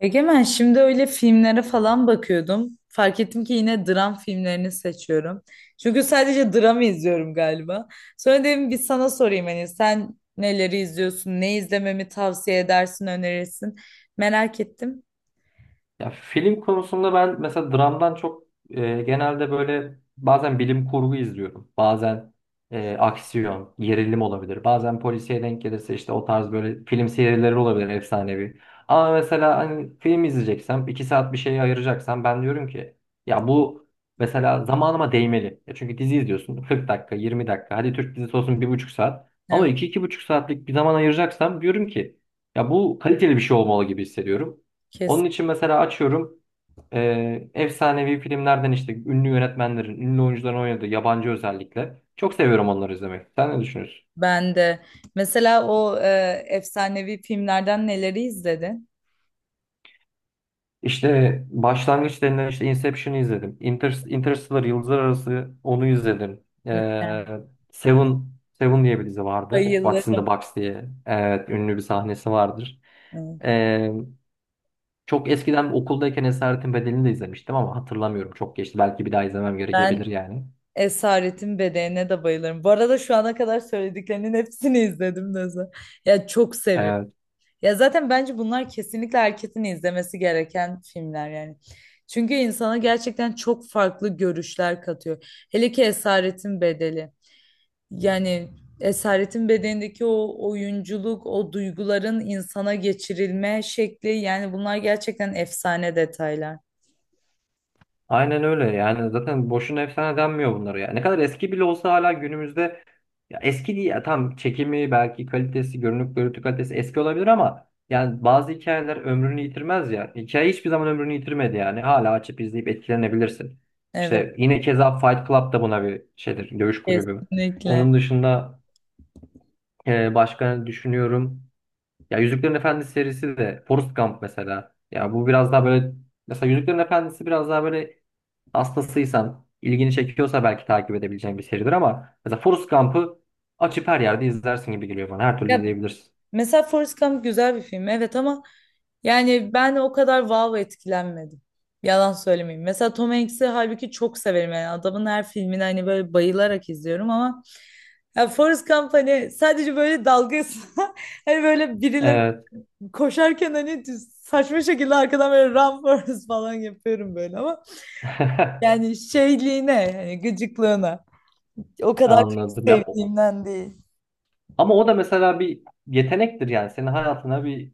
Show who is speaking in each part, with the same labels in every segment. Speaker 1: Egemen şimdi öyle filmlere falan bakıyordum. Fark ettim ki yine dram filmlerini seçiyorum. Çünkü sadece dram izliyorum galiba. Sonra dedim bir sana sorayım hani sen neleri izliyorsun, ne izlememi tavsiye edersin, önerirsin. Merak ettim.
Speaker 2: Ya film konusunda ben mesela dramdan çok genelde böyle bazen bilim kurgu izliyorum. Bazen aksiyon, gerilim olabilir. Bazen polisiye denk gelirse işte o tarz böyle film serileri olabilir efsanevi. Ama mesela hani film izleyeceksem, 2 saat bir şeye ayıracaksam ben diyorum ki ya bu mesela zamanıma değmeli. Ya çünkü dizi izliyorsun 40 dakika, 20 dakika. Hadi Türk dizisi olsun 1,5 saat. Ama
Speaker 1: Evet,
Speaker 2: iki, 2,5 saatlik bir zaman ayıracaksam diyorum ki ya bu kaliteli bir şey olmalı gibi hissediyorum. Onun
Speaker 1: kesin.
Speaker 2: için mesela açıyorum efsanevi filmlerden işte ünlü yönetmenlerin, ünlü oyuncuların oynadığı yabancı özellikle. Çok seviyorum onları izlemek. Sen ne düşünüyorsun?
Speaker 1: Ben de. Mesela o efsanevi filmlerden neleri izledin?
Speaker 2: İşte başlangıç denilen işte Inception'ı izledim. Inter Interstellar Yıldızlar Arası onu izledim.
Speaker 1: Mükemmel.
Speaker 2: Seven, Seven diye bir dizi vardı. What's in the
Speaker 1: Bayılırım.
Speaker 2: Box diye. Evet, ünlü bir sahnesi vardır.
Speaker 1: Evet.
Speaker 2: E, Çok eskiden okuldayken Esaretin Bedeli'ni de izlemiştim ama hatırlamıyorum. Çok geçti. Belki bir daha izlemem
Speaker 1: Ben
Speaker 2: gerekebilir yani.
Speaker 1: Esaretin Bedeğine de bayılırım. Bu arada şu ana kadar söylediklerinin hepsini izledim Neza. Ya çok seviyorum. Ya zaten bence bunlar kesinlikle herkesin izlemesi gereken filmler yani. Çünkü insana gerçekten çok farklı görüşler katıyor. Hele ki Esaretin Bedeli. Yani Esaretin Bedeni'ndeki o oyunculuk, o duyguların insana geçirilme şekli yani bunlar gerçekten efsane detaylar.
Speaker 2: Aynen öyle yani zaten boşuna efsane denmiyor bunlara ya. Ne kadar eski bile olsa hala günümüzde ya eski değil ya tam çekimi belki kalitesi görünüp görüntü kalitesi eski olabilir ama yani bazı hikayeler ömrünü yitirmez ya. Hikaye hiçbir zaman ömrünü yitirmedi yani hala açıp izleyip etkilenebilirsin.
Speaker 1: Evet,
Speaker 2: İşte yine keza Fight Club da buna bir şeydir dövüş kulübü.
Speaker 1: kesinlikle.
Speaker 2: Onun dışında başka ne düşünüyorum. Ya Yüzüklerin Efendisi serisi de Forrest Gump mesela. Ya bu biraz daha böyle mesela Yüzüklerin Efendisi biraz daha böyle hastasıysan, ilgini çekiyorsa belki takip edebileceğin bir seridir ama mesela Forrest Gump'ı açıp her yerde izlersin gibi geliyor bana. Her türlü
Speaker 1: Ya
Speaker 2: izleyebilirsin.
Speaker 1: mesela Forrest Gump güzel bir film, evet, ama yani ben o kadar wow etkilenmedim. Yalan söylemeyeyim. Mesela Tom Hanks'i halbuki çok severim yani adamın her filmini hani böyle bayılarak izliyorum ama ya Forrest Gump hani sadece böyle dalgası hani böyle birileri
Speaker 2: Evet.
Speaker 1: koşarken hani saçma şekilde arkadan böyle run Forrest falan yapıyorum böyle ama yani şeyliğine hani gıcıklığına o kadar çok
Speaker 2: Anladım.
Speaker 1: sevdiğimden değil.
Speaker 2: Ama o da mesela bir yetenektir yani. Senin hayatına bir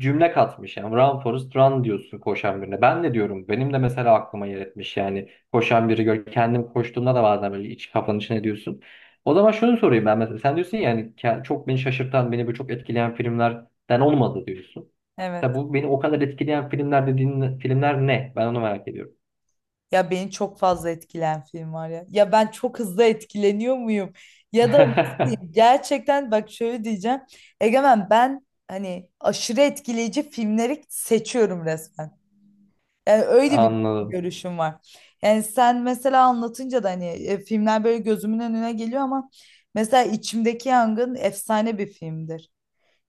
Speaker 2: cümle katmış yani. Run Forrest Run diyorsun koşan birine. Ben de diyorum. Benim de mesela aklıma yer etmiş yani. Koşan biri gör. Kendim koştuğumda da bazen böyle iç kafanın içine diyorsun. O zaman şunu sorayım ben mesela. Sen diyorsun yani çok beni şaşırtan, beni böyle çok etkileyen filmlerden olmadı diyorsun. Tabi
Speaker 1: Evet.
Speaker 2: bu beni o kadar etkileyen filmler dediğin filmler ne? Ben onu merak ediyorum.
Speaker 1: Ya beni çok fazla etkilen film var ya. Ya ben çok hızlı etkileniyor muyum? Ya da nasıl diyeyim? Gerçekten bak şöyle diyeceğim. Egemen ben hani aşırı etkileyici filmleri seçiyorum resmen. Yani öyle bir
Speaker 2: Anladım.
Speaker 1: görüşüm var. Yani sen mesela anlatınca da hani filmler böyle gözümün önüne geliyor ama mesela İçimdeki Yangın efsane bir filmdir.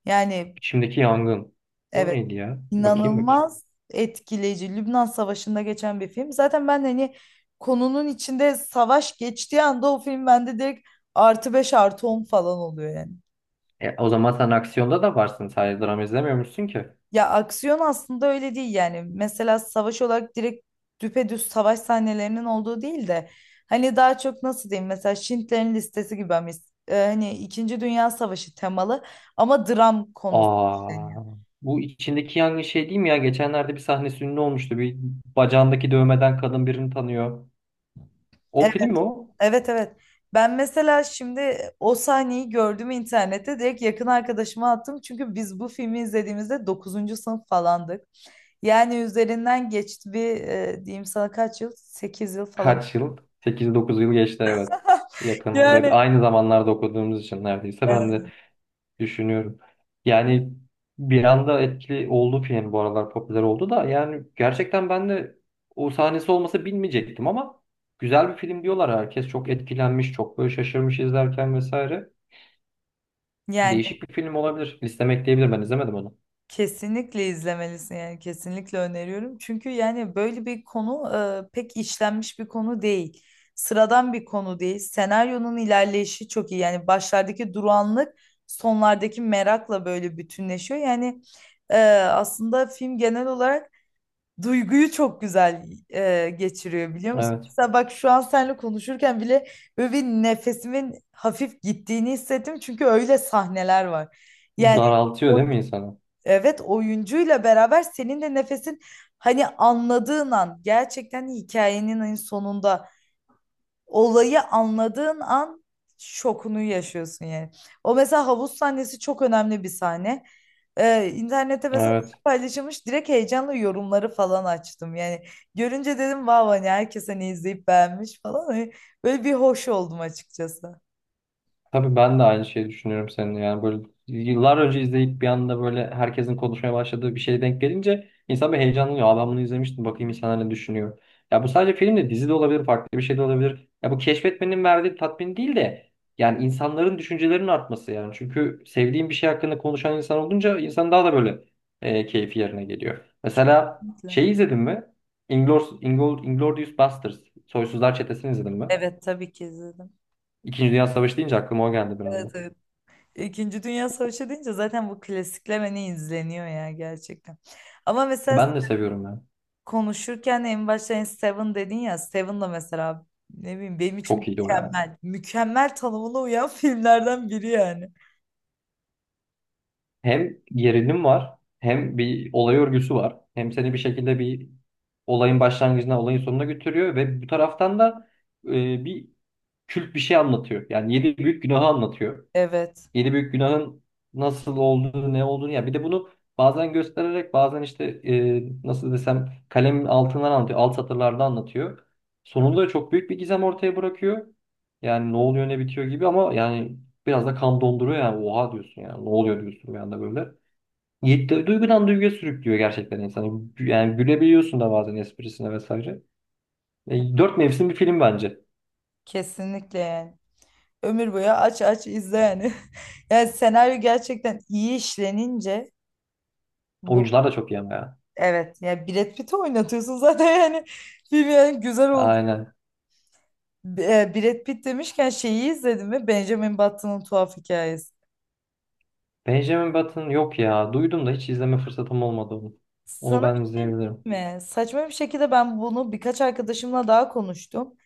Speaker 1: Yani
Speaker 2: İçimdeki yangın. O
Speaker 1: evet.
Speaker 2: neydi ya? Bakayım bakayım.
Speaker 1: İnanılmaz etkileyici. Lübnan Savaşı'nda geçen bir film. Zaten ben hani konunun içinde savaş geçtiği anda o film bende direkt artı 5 artı 10 falan oluyor yani.
Speaker 2: O zaman sen aksiyonda da varsın. Sadece drama izlemiyormuşsun ki.
Speaker 1: Ya aksiyon aslında öyle değil yani. Mesela savaş olarak direkt düpedüz savaş sahnelerinin olduğu değil de hani daha çok nasıl diyeyim mesela Schindler'in Listesi gibi hani, hani İkinci Dünya Savaşı temalı ama dram konusu.
Speaker 2: Aa, bu içindeki yangın şey değil mi ya? Geçenlerde bir sahnesi ünlü olmuştu. Bir bacağındaki dövmeden kadın birini tanıyor. O film mi o?
Speaker 1: Evet, evet. Ben mesela şimdi o sahneyi gördüm internette direkt yakın arkadaşıma attım. Çünkü biz bu filmi izlediğimizde dokuzuncu sınıf falandık. Yani üzerinden geçti bir diyeyim sana kaç yıl? 8 yıl falan.
Speaker 2: Kaç yıl? 8, 9 yıl geçti, evet. Yakın. Ve
Speaker 1: Yani
Speaker 2: aynı zamanlarda okuduğumuz için neredeyse ben
Speaker 1: e,
Speaker 2: de düşünüyorum. Yani bir anda etkili oldu film, bu aralar popüler oldu da yani gerçekten ben de o sahnesi olmasa bilmeyecektim ama güzel bir film diyorlar. Herkes çok etkilenmiş, çok böyle şaşırmış izlerken vesaire.
Speaker 1: yani
Speaker 2: Değişik bir film olabilir. Listeme ekleyebilir. Ben izlemedim onu.
Speaker 1: kesinlikle izlemelisin yani kesinlikle öneriyorum. Çünkü yani böyle bir konu pek işlenmiş bir konu değil. Sıradan bir konu değil. Senaryonun ilerleyişi çok iyi. Yani başlardaki durağanlık sonlardaki merakla böyle bütünleşiyor. Yani aslında film genel olarak duyguyu çok güzel geçiriyor biliyor musun?
Speaker 2: Evet.
Speaker 1: Mesela bak şu an seninle konuşurken bile böyle bir nefesimin hafif gittiğini hissettim. Çünkü öyle sahneler var. Yani
Speaker 2: Daraltıyor değil mi insanı?
Speaker 1: evet, oyuncuyla beraber senin de nefesin hani anladığın an gerçekten hikayenin en sonunda olayı anladığın an şokunu yaşıyorsun yani. O mesela havuz sahnesi çok önemli bir sahne. İnternette mesela
Speaker 2: Evet.
Speaker 1: paylaşılmış direkt heyecanla yorumları falan açtım. Yani görünce dedim vav, hani herkes hani izleyip beğenmiş falan. Hani böyle bir hoş oldum açıkçası.
Speaker 2: Tabii ben de aynı şeyi düşünüyorum seninle. Yani böyle yıllar önce izleyip bir anda böyle herkesin konuşmaya başladığı bir şeye denk gelince insan bir heyecanlanıyor. Aa ben bunu izlemiştim, bakayım insanlar ne düşünüyor. Ya bu sadece film de dizi de olabilir, farklı bir şey de olabilir. Ya bu keşfetmenin verdiği tatmin değil de yani insanların düşüncelerinin artması yani. Çünkü sevdiğin bir şey hakkında konuşan insan olunca insan daha da böyle keyfi yerine geliyor. Mesela
Speaker 1: Kesinlikle.
Speaker 2: şey izledin mi? Inglourious Basterds. Soysuzlar Çetesi'ni izledin mi?
Speaker 1: Evet, tabii ki izledim.
Speaker 2: İkinci Dünya Savaşı deyince aklıma o geldi biraz.
Speaker 1: Evet, evet. İkinci Dünya Savaşı deyince zaten bu klasikler hani izleniyor ya gerçekten. Ama mesela
Speaker 2: Ben de seviyorum ya.
Speaker 1: konuşurken en başta hani Seven dedin ya, Seven da mesela ne bileyim benim için
Speaker 2: Çok iyi o ya.
Speaker 1: mükemmel. Mükemmel tanımına uyan filmlerden biri yani.
Speaker 2: Hem gerilim var, hem bir olay örgüsü var. Hem seni bir şekilde bir olayın başlangıcına, olayın sonuna götürüyor ve bu taraftan da e, bir kült bir şey anlatıyor. Yani yedi büyük günahı anlatıyor.
Speaker 1: Evet,
Speaker 2: Yedi büyük günahın nasıl olduğunu, ne olduğunu ya bir de bunu bazen göstererek bazen işte nasıl desem kalemin altından anlatıyor, alt satırlarda anlatıyor. Sonunda çok büyük bir gizem ortaya bırakıyor. Yani ne oluyor ne bitiyor gibi ama yani biraz da kan donduruyor yani oha diyorsun yani ne oluyor diyorsun bir anda böyle. Yedi, duygudan duyguya sürüklüyor gerçekten insanı. Yani gülebiliyorsun da bazen esprisine vesaire. Dört mevsim bir film bence.
Speaker 1: kesinlikle yani. Ömür boyu aç aç izle yani. Yani senaryo gerçekten iyi işlenince bu,
Speaker 2: Oyuncular da çok iyi ama ya.
Speaker 1: evet, yani Brad Pitt'i oynatıyorsun zaten yani film yani güzel.
Speaker 2: Aynen.
Speaker 1: Brad Pitt demişken şeyi izledin mi? Benjamin Button'ın tuhaf hikayesi.
Speaker 2: Benjamin Button yok ya. Duydum da hiç izleme fırsatım olmadı onu.
Speaker 1: Sana
Speaker 2: Onu
Speaker 1: bir
Speaker 2: ben
Speaker 1: şey
Speaker 2: izleyebilirim.
Speaker 1: diyeyim mi? Saçma bir şekilde ben bunu birkaç arkadaşımla daha konuştum.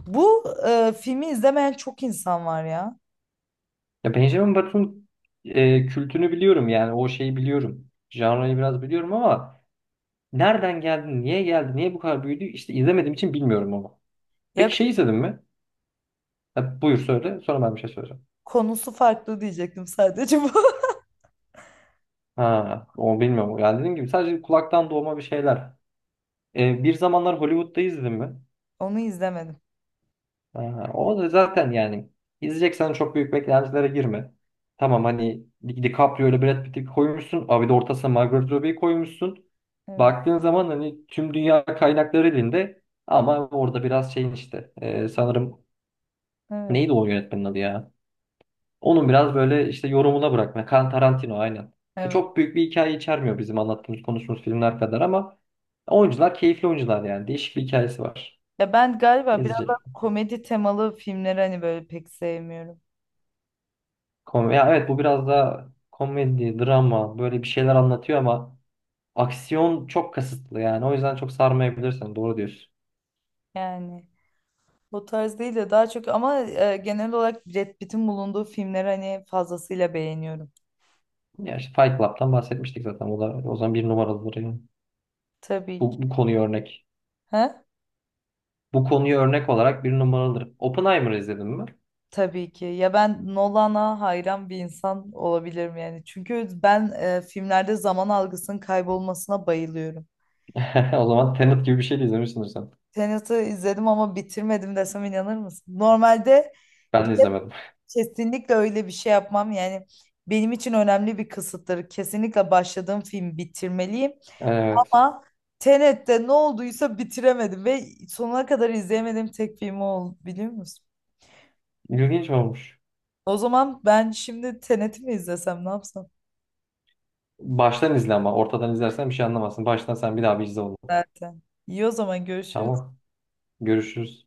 Speaker 1: Bu filmi izlemeyen çok insan var ya.
Speaker 2: Ya Benjamin Button kültünü biliyorum yani o şeyi biliyorum. Janrayı biraz biliyorum ama nereden geldi, niye geldi, niye bu kadar büyüdü işte izlemediğim için bilmiyorum onu.
Speaker 1: Ya
Speaker 2: Peki şey izledin mi? Ha, buyur söyle sonra ben bir şey söyleyeceğim.
Speaker 1: konusu farklı diyecektim sadece bu.
Speaker 2: Ha, onu bilmiyorum. Yani dediğim gibi sadece kulaktan doğma bir şeyler. Bir zamanlar Hollywood'da izledin mi?
Speaker 1: Onu izlemedim.
Speaker 2: Aha, o da zaten yani izleyeceksen çok büyük beklentilere girme. Tamam hani DiCaprio ile Brad Pitt'i koymuşsun. Abi de ortasına Margot Robbie'yi koymuşsun.
Speaker 1: Evet,
Speaker 2: Baktığın zaman hani tüm dünya kaynakları elinde. Ama orada biraz şeyin işte sanırım
Speaker 1: evet,
Speaker 2: neydi o yönetmenin adı ya? Onun biraz böyle işte yorumuna bırakma. Quentin Tarantino aynen.
Speaker 1: evet.
Speaker 2: Çok büyük bir hikaye içermiyor bizim anlattığımız konuştuğumuz filmler kadar ama oyuncular keyifli oyuncular yani. Değişik bir hikayesi var.
Speaker 1: Ya ben galiba biraz daha
Speaker 2: İzleyecek.
Speaker 1: komedi temalı filmleri hani böyle pek sevmiyorum.
Speaker 2: Ya, evet, bu biraz da komedi, drama böyle bir şeyler anlatıyor ama aksiyon çok kasıtlı yani. O yüzden çok sarmayabilirsin. Doğru diyorsun.
Speaker 1: Yani o tarz değil de daha çok ama genel olarak Brad Pitt'in bulunduğu filmleri hani fazlasıyla beğeniyorum.
Speaker 2: Ya işte Fight Club'tan bahsetmiştik zaten. O da o zaman bir numaralıdır yani.
Speaker 1: Tabii ki.
Speaker 2: Bu konuyu örnek.
Speaker 1: He?
Speaker 2: Bu konuyu örnek olarak bir numaralıdır. Oppenheimer izledin mi?
Speaker 1: Tabii ki. Ya ben Nolan'a hayran bir insan olabilirim yani. Çünkü ben filmlerde zaman algısının kaybolmasına bayılıyorum.
Speaker 2: O zaman Tenet gibi bir şey de izlemişsindir sen.
Speaker 1: Tenet'i izledim ama bitirmedim desem inanır mısın? Normalde bir
Speaker 2: Ben de
Speaker 1: de
Speaker 2: izlemedim.
Speaker 1: kesinlikle öyle bir şey yapmam. Yani benim için önemli bir kısıttır. Kesinlikle başladığım film bitirmeliyim.
Speaker 2: Evet.
Speaker 1: Ama Tenet'te ne olduysa bitiremedim ve sonuna kadar izleyemediğim tek film o oldu biliyor musun?
Speaker 2: İlginç olmuş.
Speaker 1: O zaman ben şimdi Tenet'i mi izlesem ne yapsam?
Speaker 2: Baştan izle ama. Ortadan izlersen bir şey anlamazsın. Baştan sen bir daha bir izle onu.
Speaker 1: Zaten. İyi, o zaman görüşürüz.
Speaker 2: Tamam. Görüşürüz.